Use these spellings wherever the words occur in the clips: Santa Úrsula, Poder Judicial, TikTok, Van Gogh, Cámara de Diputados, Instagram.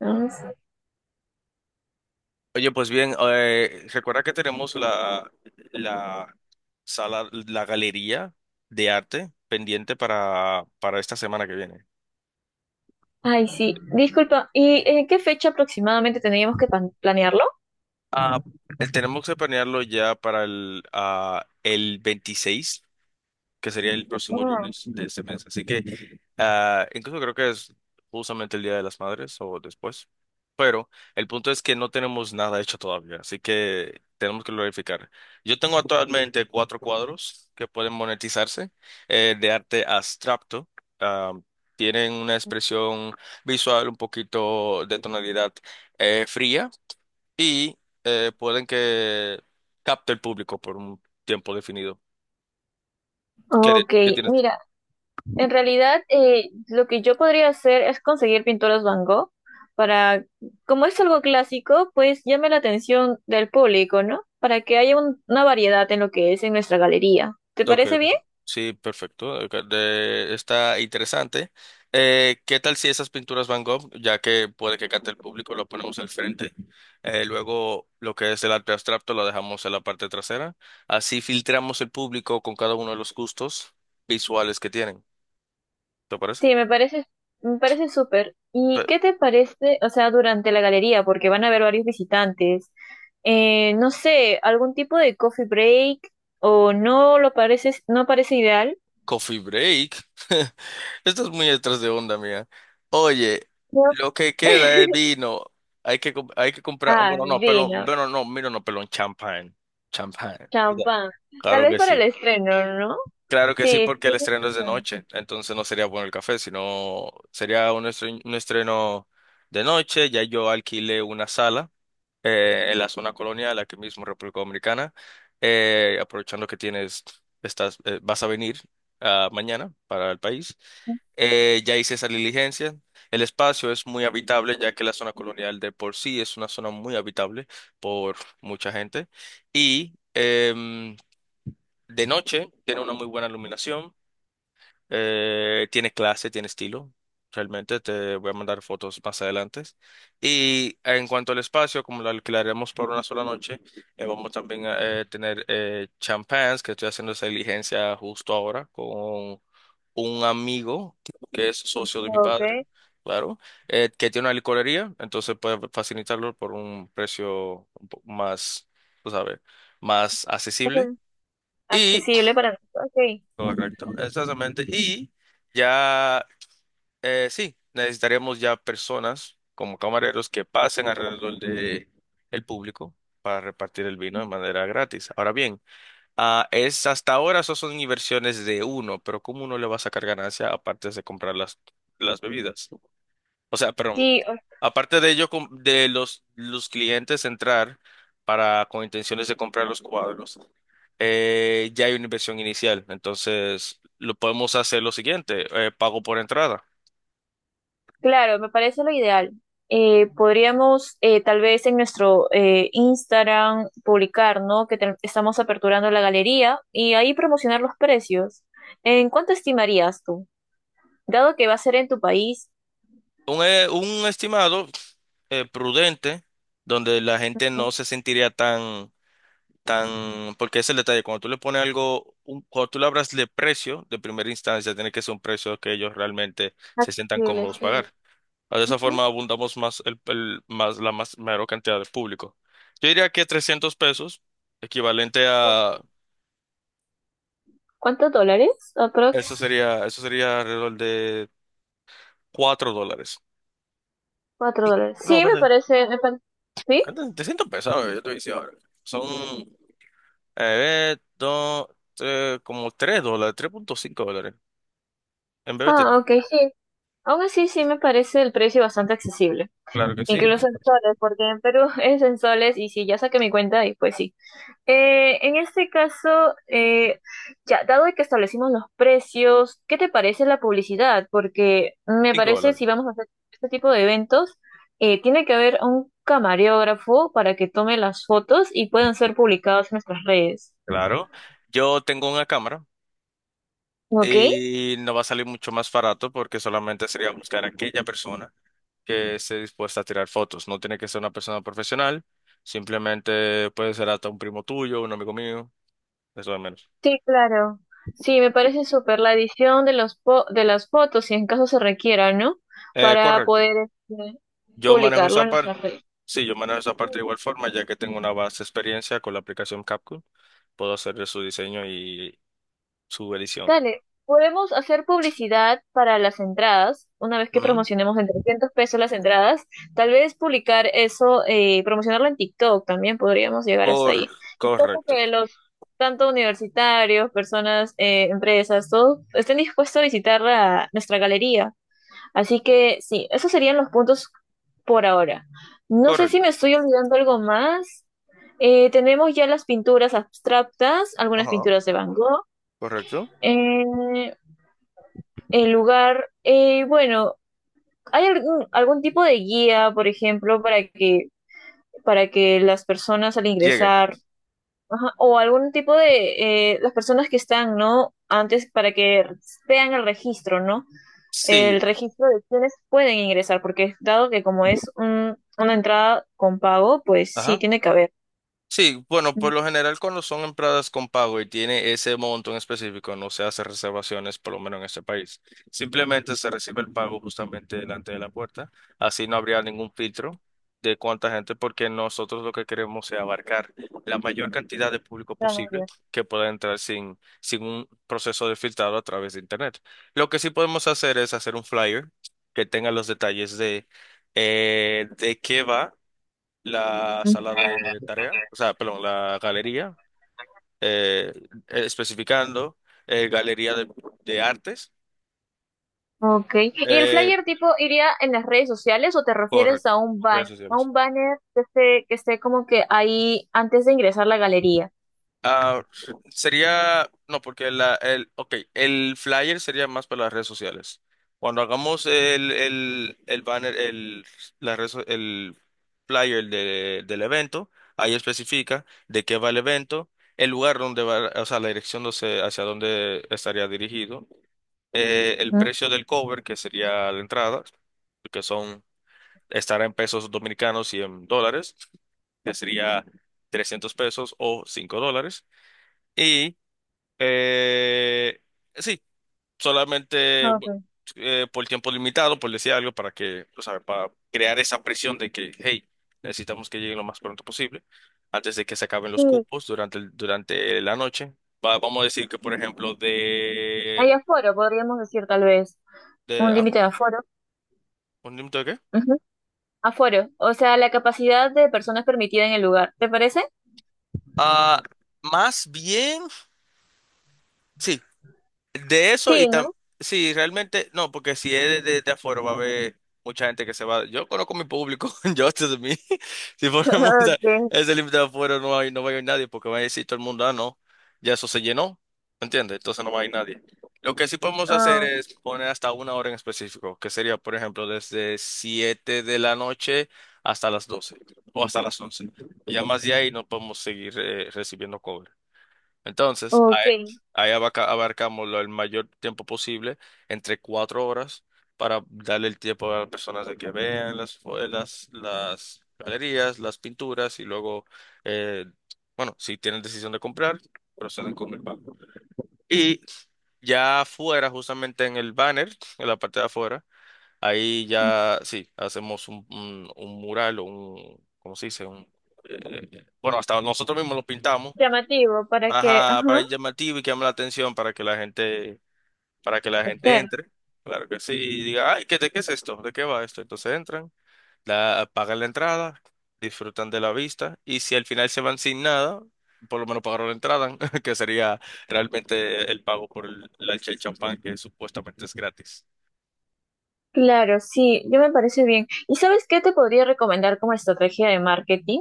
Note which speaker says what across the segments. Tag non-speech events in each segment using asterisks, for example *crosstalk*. Speaker 1: Ah, sí.
Speaker 2: Oye, pues bien, recuerda que tenemos la sala, la galería de arte pendiente para esta semana que viene.
Speaker 1: Ay, sí. Disculpa, ¿y en qué fecha aproximadamente tendríamos que planearlo?
Speaker 2: Ah, tenemos que planearlo ya para el 26, que sería el próximo lunes de este mes. Así que incluso creo que es justamente el Día de las Madres o después. Pero el punto es que no tenemos nada hecho todavía, así que tenemos que verificar. Yo tengo actualmente cuatro cuadros que pueden monetizarse, de arte abstracto. Ah, tienen una expresión visual un poquito de tonalidad fría y pueden que capte el público por un tiempo definido. ¿Qué,
Speaker 1: Ah,
Speaker 2: de-
Speaker 1: ok,
Speaker 2: qué tienes?
Speaker 1: mira, en realidad lo que yo podría hacer es conseguir pinturas Van Gogh para, como es algo clásico, pues llame la atención del público, ¿no? Para que haya una variedad en lo que es en nuestra galería. ¿Te
Speaker 2: Ok,
Speaker 1: parece bien?
Speaker 2: sí, perfecto. Ok, está interesante. ¿Qué tal si esas pinturas Van Gogh, ya que puede que cante el público, lo ponemos al frente? Luego lo que es el arte abstracto lo dejamos en la parte trasera. Así filtramos el público con cada uno de los gustos visuales que tienen. ¿Te parece?
Speaker 1: Sí, me parece súper. ¿Y qué te parece, o sea, durante la galería? Porque van a haber varios visitantes. No sé, algún tipo de coffee break o no lo parece, no parece ideal.
Speaker 2: Coffee break. *laughs* Esto es muy detrás de onda, mía. Oye,
Speaker 1: No.
Speaker 2: lo que
Speaker 1: *laughs*
Speaker 2: queda es vino. Hay que comprar.
Speaker 1: Ah,
Speaker 2: Bueno, no, pelón.
Speaker 1: vino,
Speaker 2: Bueno, no, mira, no, pelón. Champagne. Champagne.
Speaker 1: champán. Tal
Speaker 2: Claro
Speaker 1: vez
Speaker 2: que
Speaker 1: para el
Speaker 2: sí.
Speaker 1: estreno, ¿no?
Speaker 2: Claro que sí,
Speaker 1: Sí,
Speaker 2: porque el
Speaker 1: tienes
Speaker 2: estreno es de
Speaker 1: razón.
Speaker 2: noche. Entonces no sería bueno el café, sino sería un estreno de noche. Ya yo alquilé una sala, en la zona colonial, aquí mismo en República Dominicana, aprovechando que vas a venir mañana para el país. Ya hice esa diligencia. El espacio es muy habitable, ya que la zona colonial de por sí es una zona muy habitable por mucha gente. Y de noche tiene una muy buena iluminación. Tiene clase, tiene estilo. Realmente te voy a mandar fotos más adelante. Y en cuanto al espacio, como lo alquilaremos por una sola noche, vamos también a tener, champans, que estoy haciendo esa diligencia justo ahora con un amigo que es socio de mi
Speaker 1: Ok.
Speaker 2: padre, claro, que tiene una licorería, entonces puede facilitarlo por un precio un poco más, tú sabes, más accesible.
Speaker 1: Entonces,
Speaker 2: Y,
Speaker 1: accesible para nosotros. Ok.
Speaker 2: correcto, exactamente. Y. Ya, sí, necesitaríamos ya personas como camareros que pasen alrededor de el público para repartir el vino de manera gratis. Ahora bien, es hasta ahora eso son inversiones de uno, pero ¿cómo uno le va a sacar ganancia aparte de comprar las bebidas? O sea, perdón,
Speaker 1: Sí,
Speaker 2: aparte de ello, de los clientes entrar para con intenciones de comprar los cuadros, ya hay una inversión inicial. Entonces, lo podemos hacer lo siguiente, pago por entrada.
Speaker 1: claro, me parece lo ideal. Podríamos tal vez en nuestro Instagram publicar, ¿no? Que estamos aperturando la galería y ahí promocionar los precios. ¿En cuánto estimarías tú? Dado que va a ser en tu país.
Speaker 2: Un estimado, prudente, donde la gente no se sentiría tan, porque es el detalle, cuando tú le pones algo, cuando tú le hablas de precio, de primera instancia, tiene que ser un precio que ellos realmente se sientan
Speaker 1: Accesible,
Speaker 2: cómodos
Speaker 1: sí.
Speaker 2: pagar. De esa
Speaker 1: Ujú.
Speaker 2: forma abundamos más, más la más, mayor cantidad de público. Yo diría que 300 pesos, equivalente a,
Speaker 1: ¿Cuántos dólares?
Speaker 2: eso
Speaker 1: Aprox.
Speaker 2: sería, eso sería alrededor de $4.
Speaker 1: 4 dólares.
Speaker 2: No,
Speaker 1: Sí, me
Speaker 2: perdón,
Speaker 1: parece. ¿Sí?
Speaker 2: ¿cuánto? 300 pesos, ahora yo te voy a decir ahora. Son Eh, dos, como $3, $3.5. En vez de
Speaker 1: Ah, ok, sí. Aún así, sí me parece el precio bastante accesible.
Speaker 2: claro que sí,
Speaker 1: Incluso en soles, porque en Perú *laughs* es en soles y si ya saqué mi cuenta y pues sí. En este caso, ya, dado que establecimos los precios, ¿qué te parece la publicidad? Porque me
Speaker 2: cinco
Speaker 1: parece,
Speaker 2: dólares.
Speaker 1: si vamos a hacer este tipo de eventos, tiene que haber un camarógrafo para que tome las fotos y puedan ser publicadas en nuestras redes.
Speaker 2: Claro. Yo tengo una cámara
Speaker 1: ¿Ok?
Speaker 2: y no va a salir mucho más barato porque solamente sería buscar a aquella persona que esté dispuesta a tirar fotos. No tiene que ser una persona profesional, simplemente puede ser hasta un primo tuyo, un amigo mío, eso de menos.
Speaker 1: Sí, claro. Sí, me parece súper la edición de de las fotos, si en caso se requiera, ¿no?
Speaker 2: Eh,
Speaker 1: Para
Speaker 2: correcto.
Speaker 1: poder este,
Speaker 2: Yo manejo
Speaker 1: publicarlo
Speaker 2: esa
Speaker 1: en
Speaker 2: parte.
Speaker 1: nuestras redes.
Speaker 2: Sí, yo manejo esa parte de igual forma, ya que tengo una vasta experiencia con la aplicación CapCut. Puedo hacer su diseño y su edición.
Speaker 1: Dale, podemos hacer publicidad para las entradas, una vez que
Speaker 2: Ujú.
Speaker 1: promocionemos en 300 pesos las entradas, tal vez publicar eso, promocionarlo en TikTok también podríamos llegar hasta
Speaker 2: Cor-
Speaker 1: ahí. Y creo
Speaker 2: Correcto,
Speaker 1: que los, tanto universitarios, personas, empresas, todos estén dispuestos a visitar nuestra galería. Así que sí, esos serían los puntos por ahora. No sé si
Speaker 2: correcto.
Speaker 1: me estoy olvidando algo más. Tenemos ya las pinturas abstractas, algunas
Speaker 2: Ajá.
Speaker 1: pinturas de Van Gogh.
Speaker 2: Correcto.
Speaker 1: Eh, el lugar, bueno, ¿hay algún, algún tipo de guía, por ejemplo, para que las personas al
Speaker 2: Llegan.
Speaker 1: ingresar, ajá, o algún tipo de, las personas que están, ¿no? Antes para que vean el registro, ¿no? El
Speaker 2: Sí,
Speaker 1: registro de quienes pueden ingresar, porque dado que como es una entrada con pago, pues sí
Speaker 2: ajá.
Speaker 1: tiene que haber.
Speaker 2: Sí, bueno, por
Speaker 1: Mm,
Speaker 2: lo general cuando son entradas con pago y tiene ese monto en específico, no se hace reservaciones, por lo menos en este país. Simplemente se recibe el pago justamente delante de la puerta. Así no habría ningún filtro de cuánta gente, porque nosotros lo que queremos es abarcar la mayor cantidad de público
Speaker 1: claro,
Speaker 2: posible
Speaker 1: ya.
Speaker 2: que pueda entrar sin un proceso de filtrado a través de Internet. Lo que sí podemos hacer es hacer un flyer que tenga los detalles de qué va la sala de tarea, o sea, perdón, la galería, eh, especificando, galería de artes,
Speaker 1: Ok. ¿Y el
Speaker 2: eh,
Speaker 1: flyer tipo iría en las redes sociales o te refieres a
Speaker 2: correcto,
Speaker 1: un
Speaker 2: redes sociales.
Speaker 1: banner que esté como que ahí antes de ingresar a la galería?
Speaker 2: Ah, Sería, no, porque ok, el flyer sería más para las redes sociales. Cuando hagamos el banner, el, la red so- el flyer del evento, ahí especifica de qué va el evento, el lugar donde va, o sea, la dirección no sé hacia dónde estaría dirigido, el
Speaker 1: Mm,
Speaker 2: precio del cover, que sería la entrada, que son, estará en pesos dominicanos y en dólares, que sería 300 pesos o $5. Y, eh, sí, solamente
Speaker 1: ok.
Speaker 2: por tiempo limitado, por decir algo, para que, o sea, para crear esa presión de que, hey, necesitamos que lleguen lo más pronto posible, antes de que se acaben
Speaker 1: Sí,
Speaker 2: los cupos durante la noche. Vamos a decir que, por ejemplo,
Speaker 1: hay aforo, podríamos decir tal vez.
Speaker 2: de
Speaker 1: Un
Speaker 2: ah,
Speaker 1: límite de aforo.
Speaker 2: ¿un límite de qué?
Speaker 1: Ujú. Aforo, o sea, la capacidad de personas permitida en el lugar. ¿Te parece?
Speaker 2: Ah, Más bien, sí, de eso y
Speaker 1: Sí, ¿no?
Speaker 2: sí, realmente, no, porque si es de afuera va a haber mucha gente que se va. Yo conozco mi público, *laughs* yo de mí. *laughs* Si
Speaker 1: *laughs*
Speaker 2: ponemos
Speaker 1: Ok.
Speaker 2: ese límite de afuera, no hay, no va a ir nadie, porque va a decir todo el mundo, no, ya eso se llenó, ¿entiendes? Entonces no va a ir nadie. Lo que sí podemos hacer
Speaker 1: Ah,
Speaker 2: es poner hasta una hora en específico, que sería, por ejemplo, desde 7 de la noche hasta las 12 o hasta las 11. Y ya más de ahí no podemos seguir, recibiendo cover. Entonces,
Speaker 1: ok.
Speaker 2: ahí abarcamos el mayor tiempo posible, entre 4 horas, para darle el tiempo a las personas de que vean las galerías, las pinturas y luego, eh, bueno, si tienen decisión de comprar, proceden con el pago. Y ya afuera, justamente en el banner, en la parte de afuera, ahí ya, sí, hacemos un mural o un, ¿cómo se dice? Bueno, hasta nosotros mismos lo pintamos.
Speaker 1: Llamativo para que,
Speaker 2: Ajá, para
Speaker 1: ajá,
Speaker 2: llamativo y que llame la atención para que la gente entre. Claro que sí. Y diga, ay, ¿de qué es esto? ¿De qué va esto? Entonces entran, pagan la entrada, disfrutan de la vista, y si al final se van sin nada, por lo menos pagaron la entrada, *laughs* que sería realmente el pago por el champán, que supuestamente es gratis.
Speaker 1: claro, sí, yo me parece bien. ¿Y sabes qué te podría recomendar como estrategia de marketing?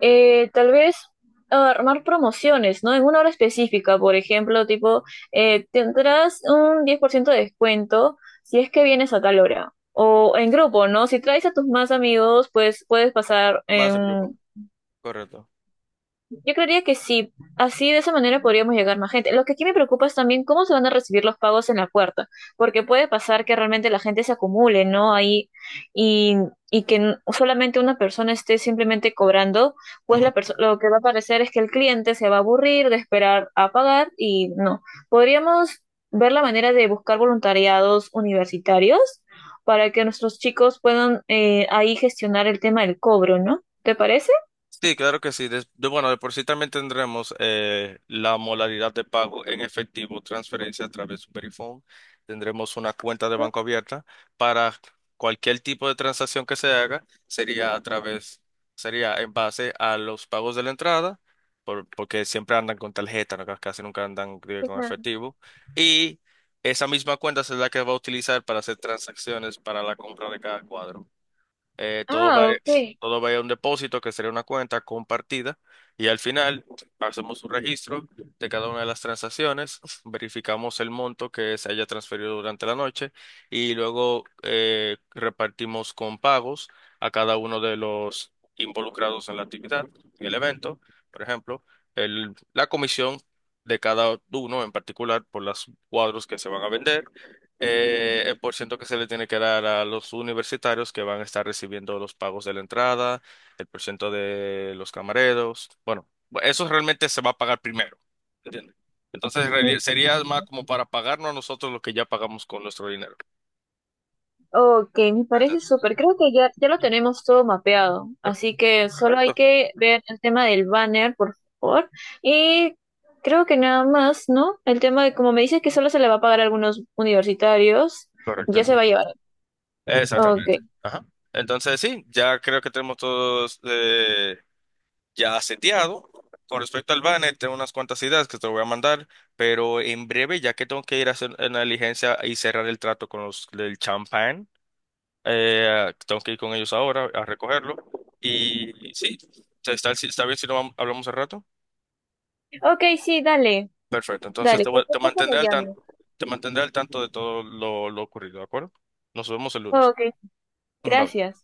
Speaker 1: Tal vez armar promociones, ¿no? En una hora específica, por ejemplo, tipo, tendrás un 10% de descuento si es que vienes a tal hora. O en grupo, ¿no? Si traes a tus más amigos, pues puedes pasar
Speaker 2: Más en grupo,
Speaker 1: en
Speaker 2: correcto.
Speaker 1: yo creería que sí, así de esa manera podríamos llegar más gente. Lo que aquí me preocupa es también cómo se van a recibir los pagos en la puerta, porque puede pasar que realmente la gente se acumule, ¿no? Ahí y, y que solamente una persona esté simplemente cobrando, pues lo que va a parecer es que el cliente se va a aburrir de esperar a pagar y no. Podríamos ver la manera de buscar voluntariados universitarios para que nuestros chicos puedan ahí gestionar el tema del cobro, ¿no? ¿Te parece?
Speaker 2: Sí, claro que sí. Bueno, de por sí también tendremos, la modalidad de pago en efectivo, transferencia a través de Superifone. Tendremos una cuenta de banco abierta para cualquier tipo de transacción que se haga. Sería en base a los pagos de la entrada, porque siempre andan con tarjeta, ¿no? Casi nunca andan, con
Speaker 1: Ujú.
Speaker 2: efectivo. Y esa misma cuenta es la que va a utilizar para hacer transacciones para la compra de cada cuadro. Eh, todo va,
Speaker 1: Ah, ok.
Speaker 2: todo va a un depósito que sería una cuenta compartida y al final hacemos un registro de cada una de las transacciones, verificamos el monto que se haya transferido durante la noche y luego, repartimos con pagos a cada uno de los involucrados en la actividad, en el evento, por ejemplo, la comisión de cada uno en particular por los cuadros que se van a vender, el porciento que se le tiene que dar a los universitarios que van a estar recibiendo los pagos de la entrada, el porciento de los camareros. Bueno, eso realmente se va a pagar primero, ¿entiendes? Entonces,
Speaker 1: Mm,
Speaker 2: en sería más como para pagarnos a nosotros lo que ya pagamos con nuestro dinero.
Speaker 1: ok, me parece
Speaker 2: Exacto.
Speaker 1: súper. Creo que ya, ya lo tenemos todo mapeado. Así que solo hay
Speaker 2: Correcto.
Speaker 1: que ver el tema del banner, por favor. Y creo que nada más, ¿no? El tema de, como me dices que solo se le va a pagar a algunos universitarios,
Speaker 2: Correcto.
Speaker 1: ya se va a llevar. Ok.
Speaker 2: Exactamente. Ajá. Entonces sí, ya creo que tenemos todos, ya seteado. Con respecto al banner, tengo unas cuantas ideas que te voy a mandar, pero en breve, ya que tengo que ir a hacer una diligencia y cerrar el trato con los del champán. Tengo que ir con ellos ahora a recogerlo. Y sí, ¿está bien si no hablamos al rato?
Speaker 1: Ok, sí, dale.
Speaker 2: Perfecto, entonces
Speaker 1: Dale, cualquier
Speaker 2: te
Speaker 1: cosa me
Speaker 2: mantendré al
Speaker 1: llamas.
Speaker 2: tanto, te mantendré al tanto de todo lo ocurrido, ¿de acuerdo? Nos vemos el lunes.
Speaker 1: Ok,
Speaker 2: Bye.
Speaker 1: gracias.